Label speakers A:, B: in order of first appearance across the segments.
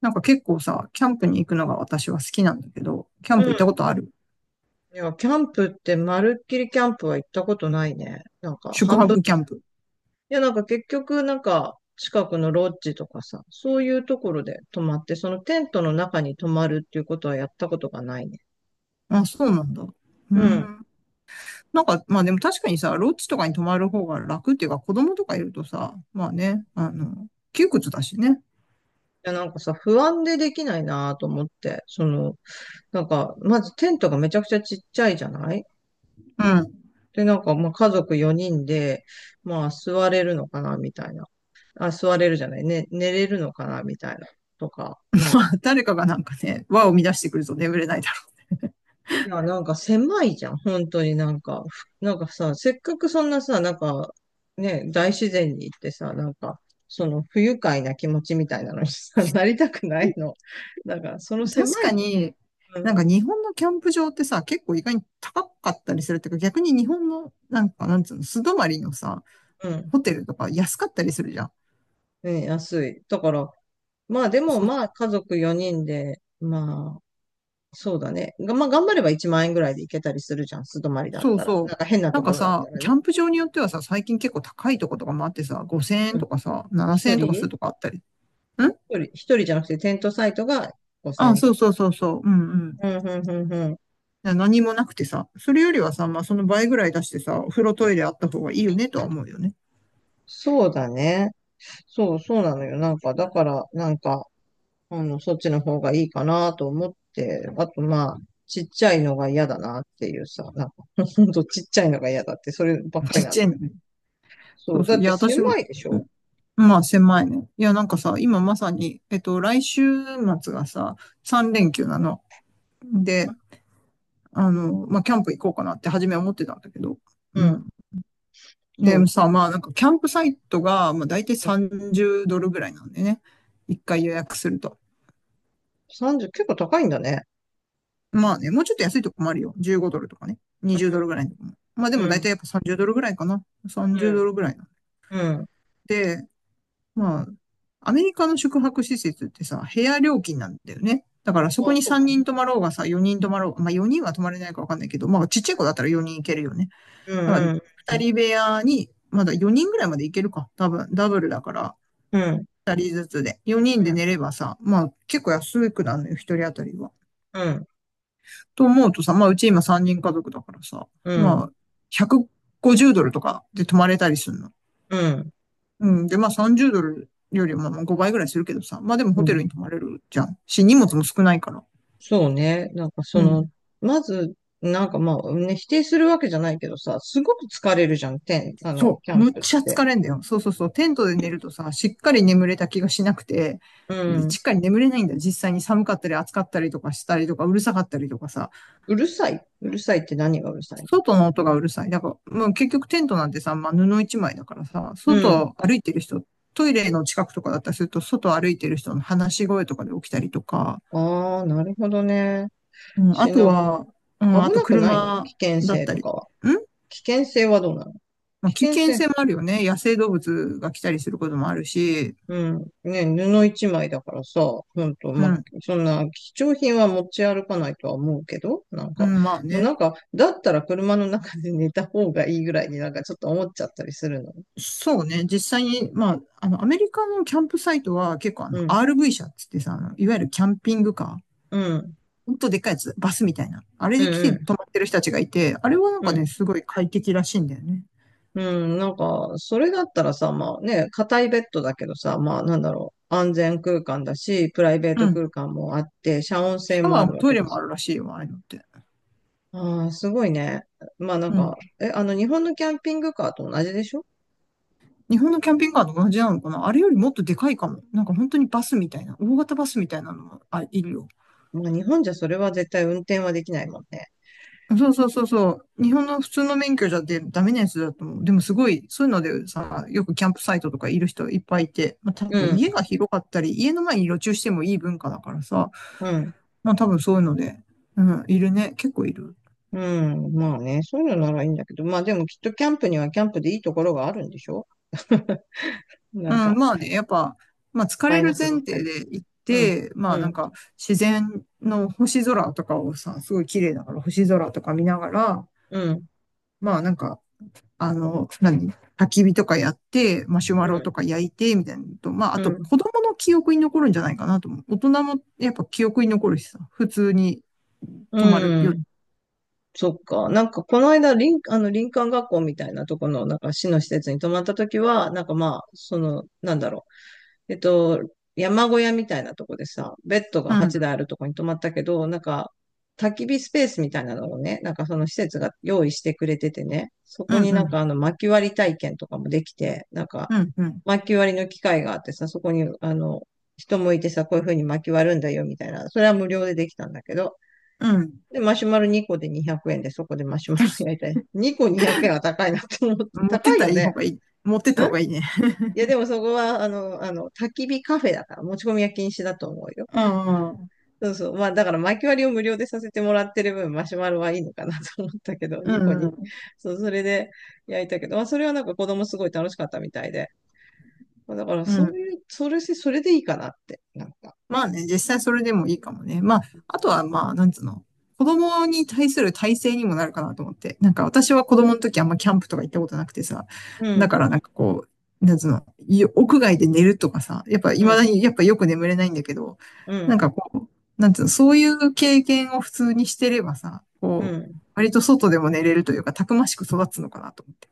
A: なんか結構さ、キャンプに行くのが私は好きなんだけど、キャン
B: うん。
A: プ
B: い
A: 行ったことある？
B: や、キャンプって、まるっきりキャンプは行ったことないね。なんか、
A: 宿
B: 半
A: 泊
B: 分。
A: キャンプ。
B: いや、なんか結局、なんか、近くのロッジとかさ、そういうところで泊まって、そのテントの中に泊まるっていうことはやったことがないね。
A: あ、そうなんだ。うー
B: うん。い
A: ん。なんか、まあでも確かにさ、ロッジとかに泊まる方が楽っていうか、子供とかいるとさ、まあね、窮屈だしね。
B: や、なんかさ、不安でできないなと思って、その、なんか、まずテントがめちゃくちゃちっちゃいじゃない？
A: うん。
B: で、なんか、まあ、家族4人で、まあ、座れるのかな、みたいな。あ、座れるじゃないね、寝れるのかな、みたいな。とか、な ん
A: まあ、
B: か、
A: 誰かがなんかね、輪を乱してくると眠れないだ
B: いや、なんか狭いじゃん。本当になんか、なんかさ、せっかくそんなさ、なんか、ね、大自然に行ってさ、なんか、その不愉快な気持ちみたいなのにさ、なりたくないの。だから、その
A: ろう。確
B: 狭
A: か
B: い、
A: に、
B: う
A: な
B: ん、
A: んか日本のキャンプ場ってさ、結構意外に高かったりするっていうか、逆に日本の、なんか、なんつうの、素泊まりのさ、
B: うん、
A: ホテルとか安かったりするじゃん。
B: ね、安い。だから、まあでもまあ家族4人で、まあ、そうだね。がまあ頑張れば1万円ぐらいで行けたりするじゃん。素泊まりだっ
A: そう
B: たら。な
A: そ
B: んか変な
A: う。な
B: と
A: ん
B: こ
A: か
B: ろだっ
A: さ、
B: たら
A: キャ
B: ね。
A: ンプ場によってはさ、最近結構高いとことかもあってさ、5000円
B: うん。
A: とかさ、7000
B: 一
A: 円とかする
B: 人
A: とかあったり。ん、
B: 一人じゃなくてテントサイトが5000
A: あ、
B: 円と
A: そう
B: か。
A: そうそうそう。うんうん。
B: うん、うん、うん、うん。
A: な、何もなくてさ、それよりはさ、まあその倍ぐらい出してさ、お風呂トイレあった方がいいよねとは思うよね。
B: そうだね。そう、そうなのよ。なんか、だから、なんか、あの、そっちの方がいいかなと思って、あと、まあ、ちっちゃいのが嫌だなっていうさ、なんか、ほんとちっちゃいのが嫌だって、そればっ か
A: ちっ
B: りなん
A: ちゃ
B: だ
A: いの
B: けど。
A: ね。そ
B: そ
A: う
B: う、だ
A: そう。
B: っ
A: いや、
B: て
A: 私も、
B: 狭いでし
A: う
B: ょ？
A: ん、まあ狭いね。いや、なんかさ、今まさに、来週末がさ、3連休なの。で、あの、まあキャンプ行こうかなって初めは思ってたんだけど、
B: う
A: うん。
B: ん。そう
A: ね
B: そ
A: さ、
B: う。
A: まあなんかキャンプサイトが、まあ大体30ドルぐらいなんでね。一回予約すると。
B: 30、結構高いんだね。
A: まあね、もうちょっと安いとこもあるよ。15ドルとかね。20ドルぐらいのとこも。まあで
B: う
A: も大体
B: ん。
A: やっぱ30ドルぐらいかな。
B: う
A: 30ド
B: ん。
A: ルぐらいなん
B: うん。
A: で、まあ、アメリカの宿泊施設ってさ、部屋料金なんだよね。だからそ
B: あ、
A: こに
B: そう
A: 3
B: だ
A: 人
B: ね。
A: 泊まろうがさ、4人泊まろうが、まあ4人は泊まれないかわかんないけど、まあちっちゃい子だったら4人行けるよね。
B: う
A: だから
B: ん、うん、
A: 2人部屋に、まだ4人ぐらいまで行けるか。多分、ダブルだから、
B: うん、
A: 二人ずつで。四人
B: う
A: で
B: ん、
A: 寝ればさ、まあ結構安くなるのよ、一人当たりは。
B: うん、
A: と思うとさ、まあうち今三人家族だからさ、
B: う
A: ま
B: ん、
A: あ150ドルとかで泊まれたりするの。
B: うん。
A: うん。で、まあ30ドルよりもま5倍ぐらいするけどさ、まあでも
B: う
A: ホテル
B: ん、
A: に泊まれるじゃん。し、荷物も少ないから。
B: そうね。なんかそ
A: う
B: の、
A: ん。
B: まず、なんかまあ、ね、否定するわけじゃないけどさ、すごく疲れるじゃん、あの、
A: そ
B: キャ
A: う。
B: ン
A: むっ
B: プっ
A: ちゃ
B: て。
A: 疲れんだよ。そうそうそう。テントで寝るとさ、しっかり眠れた気がしなくて、
B: う
A: で、
B: ん。
A: しっかり眠れないんだよ。実際に寒かったり暑かったりとかしたりとか、うるさかったりとかさ。
B: うるさい。うるさいって何がうるさいの？
A: 外の音がうるさい。だから、もう結局テントなんてさ、まあ、布一枚だからさ、
B: うん。
A: 外歩いてる人、トイレの近くとかだったりすると、外歩いてる人の話し声とかで起きたりとか、
B: ああ、なるほどね。
A: うん、あ
B: し
A: と
B: な、
A: は、うん、あ
B: 危
A: と
B: なくないの？
A: 車
B: 危険
A: だっ
B: 性
A: た
B: と
A: り、ん、
B: かは。危険性はどうなの？
A: ま
B: 危
A: あ、危
B: 険
A: 険性
B: 性。
A: もあるよね。野生動物が来たりすることもあるし、
B: うん。ね、布一枚だからさ、ほんと、
A: う
B: まあ、
A: ん、
B: そんな貴重品は持ち歩かないとは思うけど、なん
A: う
B: か、
A: ん、まあ
B: もう
A: ね。
B: なんか、だったら車の中で寝た方がいいぐらいになんかちょっと思っちゃったりするの。
A: そうね。実際に、まあ、あの、アメリカのキャンプサイトは結構あ
B: う
A: の、
B: ん、
A: RV 車っつってさ、あのいわゆるキャンピングカー、
B: うん、
A: ほんとでっかいやつ、バスみたいな。あれ
B: う
A: で来て
B: ん、
A: 泊まってる人たちがいて、あれはなん
B: うん、
A: か
B: うん。
A: ね、すごい快適らしいんだよね。
B: なんか、それだったらさ、まあね、硬いベッドだけどさ、まあなんだろう、安全空間だし、プライベート
A: うん。
B: 空間もあって、遮音
A: シ
B: 性
A: ャ
B: も
A: ワ
B: あ
A: ー
B: る
A: も
B: わ
A: ト
B: け
A: イレ
B: だ
A: もあ
B: し。
A: るらしいよ、ああいうのって。
B: ああ、すごいね。まあなん
A: う
B: か、
A: ん。
B: え、あの、日本のキャンピングカーと同じでしょ？
A: 日本のキャンピングカーと同じなのかな？あれよりもっとでかいかも。なんか本当にバスみたいな、大型バスみたいなのもあ、いるよ。
B: まあ日本じゃそれは絶対運転はできないもんね。
A: そうそうそうそう。日本の普通の免許じゃでダメなやつだと思う。でもすごい、そういうのでさ、よくキャンプサイトとかいる人いっぱいいて、まあ多
B: う
A: 分
B: ん、
A: 家が広かったり、家の前に路駐してもいい文化だからさ、
B: うん、
A: まあ多分そういうので、うん、いるね。結構いる。
B: うん。まあね、そういうのならいいんだけど、まあでもきっとキャンプにはキャンプでいいところがあるんでしょ？ な
A: う
B: ん
A: ん、
B: か、
A: まあね、やっぱ、まあ疲
B: マ
A: れ
B: イナ
A: る
B: ス
A: 前
B: ばっか
A: 提
B: り。
A: で行っ
B: うん、
A: て、ま
B: う
A: あなん
B: ん、
A: か自然の星空とかをさ、すごい綺麗だから星空とか見ながら、
B: うん、
A: まあなんか、何、焚き火とかやって、マシュマ
B: う
A: ロと
B: ん、
A: か焼いて、みたいなのと、まああ
B: う
A: と
B: ん、
A: 子供の記憶に残るんじゃないかなと思う。大人もやっぱ記憶に残るしさ、普通に泊まる
B: う
A: より。
B: ん。そっか。なんか、この間、あの、林間学校みたいなとこの、なんか、市の施設に泊まったときは、なんかまあ、その、なんだろう。えっと、山小屋みたいなとこでさ、ベッド
A: う
B: が8
A: ん、
B: 台あるとこに泊まったけど、なんか、焚き火スペースみたいなのをね、なんかその施設が用意してくれててね、そ
A: う
B: こに
A: ん、う
B: なん
A: ん、
B: かあの薪割り体験とかもできて、なんか
A: うん、うん、
B: 薪割りの機械があってさ、そこにあの、人もいてさ、こういう風に薪割るんだよみたいな、それは無料でできたんだけど、
A: うん。
B: で、マシュマロ2個で200円でそこでマシュマロ焼い たり、2個200円は高いなって思って、
A: 持って
B: 高
A: っ
B: い
A: たら
B: よ
A: いい
B: ね。
A: 方がいい。持ってった方がいいね。
B: いや、でもそこは、あの、焚き火カフェだから、持ち込みは禁止だと思うよ。
A: うん、うん、
B: そうそう。まあ、だから、薪割りを無料でさせてもらってる分、マシュマロはいいのかな と思ったけど、
A: う
B: 2個に。
A: ん、
B: そう、それで焼いたけど、まあ、それはなんか子供すごい楽しかったみたいで。まあだから、
A: う
B: そう
A: ん。
B: いう、それでいいかなって、なんか。
A: まあね、実際それでもいいかもね。まあ、あとはまあ、なんつうの、子供に対する体制にもなるかなと思って。なんか私は子供の時あんまキャンプとか行ったことなくてさ、
B: う
A: だ
B: ん、
A: からなんかこう、なんつうの、よ、屋外で寝るとかさ、やっぱ未
B: う
A: だ
B: ん、
A: にやっぱよく眠れないんだけど、
B: う
A: なん
B: ん、
A: かこう、なんつうの、そういう経験を普通にしてればさ、
B: う
A: こう、
B: ん。
A: 割と外でも寝れるというか、たくましく育つのかなと思って。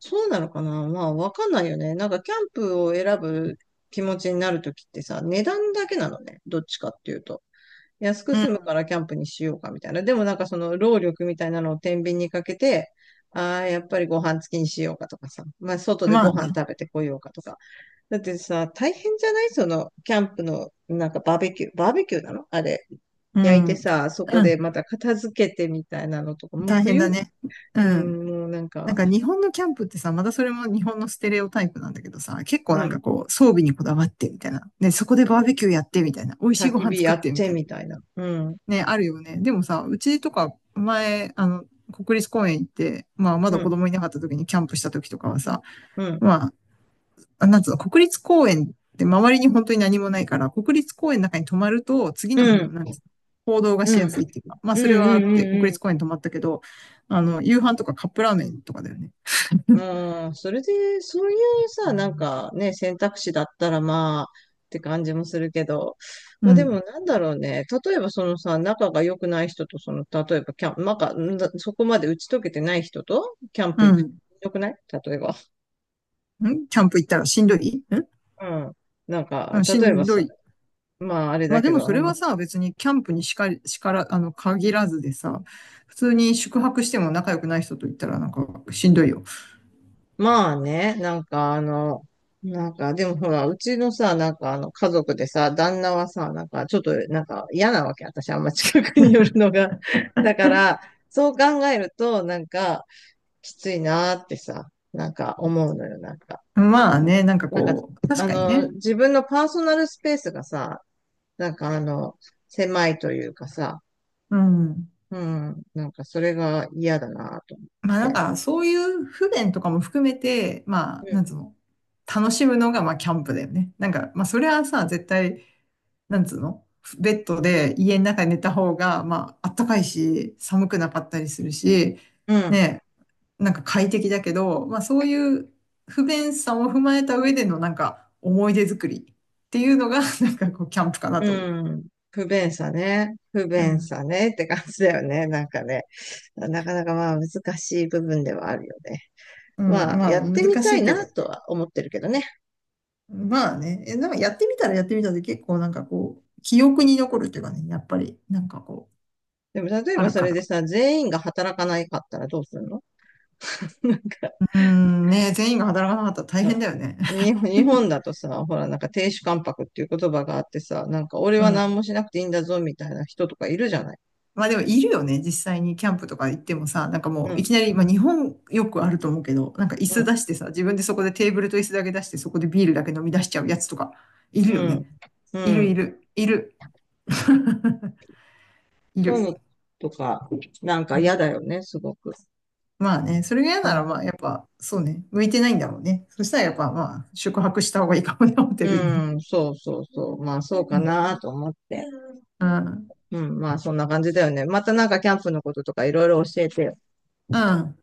B: そうなのかな。まあ、わかんないよね。なんか、キャンプを選ぶ気持ちになるときってさ、値段だけなのね。どっちかっていうと。安く
A: う
B: 済む
A: ん。
B: からキャンプにしようかみたいな。でもなんかその労力みたいなのを天秤にかけて、ああ、やっぱりご飯付きにしようかとかさ。まあ、外で
A: まあ
B: ご
A: ね。
B: 飯食べてこようかとか。だってさ、大変じゃないその、キャンプの、なんかバーベキュー。バーベキューなのあれ？
A: う
B: 焼い
A: ん。
B: て
A: うん。
B: さ、そこでまた片付けてみたいなのとか、もう
A: 大変だ
B: 冬、
A: ね。う
B: う
A: ん。
B: ん、もうなん
A: なん
B: か、
A: か日本のキャンプってさ、またそれも日本のステレオタイプなんだけどさ、結構
B: う
A: なん
B: ん、
A: かこう、装備にこだわってみたいな。ね、そこでバーベキューやってみたいな。美味しい
B: 焚
A: ご
B: き
A: 飯
B: 火
A: 作
B: や
A: っ
B: っ
A: てみ
B: て
A: たいな。
B: みたいな。うん、
A: ね、あるよね。でもさ、うちとか前、あの、国立公園行って、まあま
B: う
A: だ子
B: ん、
A: 供いなかった時にキャンプした時とかはさ、
B: うん、
A: まあ、なんつうの、国立公園って周りに本当に何もないから、国立公園の中に泊まると、次
B: う
A: の日の、
B: ん、
A: なんつうの、行動が
B: う
A: し
B: ん、う
A: や
B: ん、
A: すいっていうか、まあ
B: う
A: それはあ
B: ん、
A: っ
B: う
A: て、
B: ん、
A: 国
B: う
A: 立
B: ん、
A: 公園に泊まったけど、あの、夕飯とかカップラーメンとかだよね。
B: うん、それで、そういうさ、なんかね、選択肢だったらまあ、って感じもするけど、ま
A: う
B: あでも
A: ん。
B: なんだろうね、例えばそのさ、仲が良くない人と、その、例えばキャンプ、なか、んだそこまで打ち解けてない人と、キャンプ
A: う
B: 行く、
A: ん。
B: 良くない例えば。
A: んキャンプ行ったらしんどいん、
B: うん。なん
A: う
B: か、
A: ん、し
B: 例えば
A: んど
B: さ、
A: い。
B: まああれ
A: ま
B: だ
A: あで
B: け
A: も
B: ど、
A: そ
B: あ
A: れは
B: の、
A: さ、別にキャンプにしかり、しから、あの、限らずでさ、普通に宿泊しても仲良くない人と行ったらなんかしんどいよ。
B: まあね、なんかあの、なんかでもほら、うちのさ、なんかあの家族でさ、旦那はさ、なんかちょっとなんか嫌なわけ、私あんま近くに寄るのが。だから、そう考えると、なんかきついなーってさ、なんか思うのよ、なんか。
A: まあね、なんか
B: なんか、
A: こう、確
B: あ
A: かに
B: の、
A: ね。
B: 自分のパーソナルスペースがさ、なんかあの、狭いというかさ、
A: うん。
B: うん、なんかそれが嫌だなと思っ
A: まあなん
B: て。
A: かそういう不便とかも含めて、まあ、
B: うん。
A: なんつうの、楽しむのがまあキャンプだよね。なんか、まあそれはさ、絶対、なんつうの、ベッドで家の中に寝た方が、まああったかいし、寒くなかったりするし、
B: うん
A: ね、なんか快適だけど、まあそういう不便さも踏まえた上でのなんか思い出作りっていうのが なんかこうキャンプかな
B: う
A: と思う。
B: ん。不便さね。不
A: う
B: 便
A: ん。
B: さねって感じだよね。なんかね。なかなかまあ難しい部分ではあるよね。
A: うん。
B: まあ
A: まあ
B: や
A: ね、
B: ってみ
A: 難し
B: たい
A: いけ
B: な
A: ど。
B: とは思ってるけどね。
A: まあね、え、なんかやってみたらやってみたで結構なんかこう、記憶に残るっていうかね、やっぱりなんかこう、
B: でも例え
A: あ
B: ば
A: る
B: そ
A: か
B: れで
A: ら。
B: さ、全員が働かないかったらどうするの？ なんか
A: うん、ね、全員が働かなかったら大変だよね。
B: 日本だとさ、ほらなんか亭主関白っていう言葉があってさ、なんか 俺
A: う
B: は何
A: ん。
B: もしなくていいんだぞみたいな人とかいるじゃない。
A: まあでもいるよね。実際にキャンプとか行ってもさ、なんかも
B: う
A: うい
B: ん、
A: きなり、まあ日本よくあると思うけど、なんか椅
B: う
A: 子
B: ん、
A: 出してさ、自分でそこでテーブルと椅子だけ出して、そこでビールだけ飲み出しちゃうやつとか、いるよ
B: うん、
A: ね。
B: う
A: いるい
B: ん。
A: る、いる。い
B: そういう
A: る。
B: のとか、なんか
A: うん。
B: 嫌だよね、すごく。
A: まあね、それが嫌
B: う
A: なら、
B: ん
A: まあやっぱ、そうね、向いてないんだろうね。そしたらやっぱ、まあ、宿泊した方がいいかもね、ホテ
B: う
A: ルにね。
B: ん、そうそうそう。まあ、そう
A: う
B: か
A: ん。
B: なと思って。
A: うん。
B: うん、まあ、そんな感じだよね。またなんかキャンプのこととかいろいろ教えてよ。
A: うん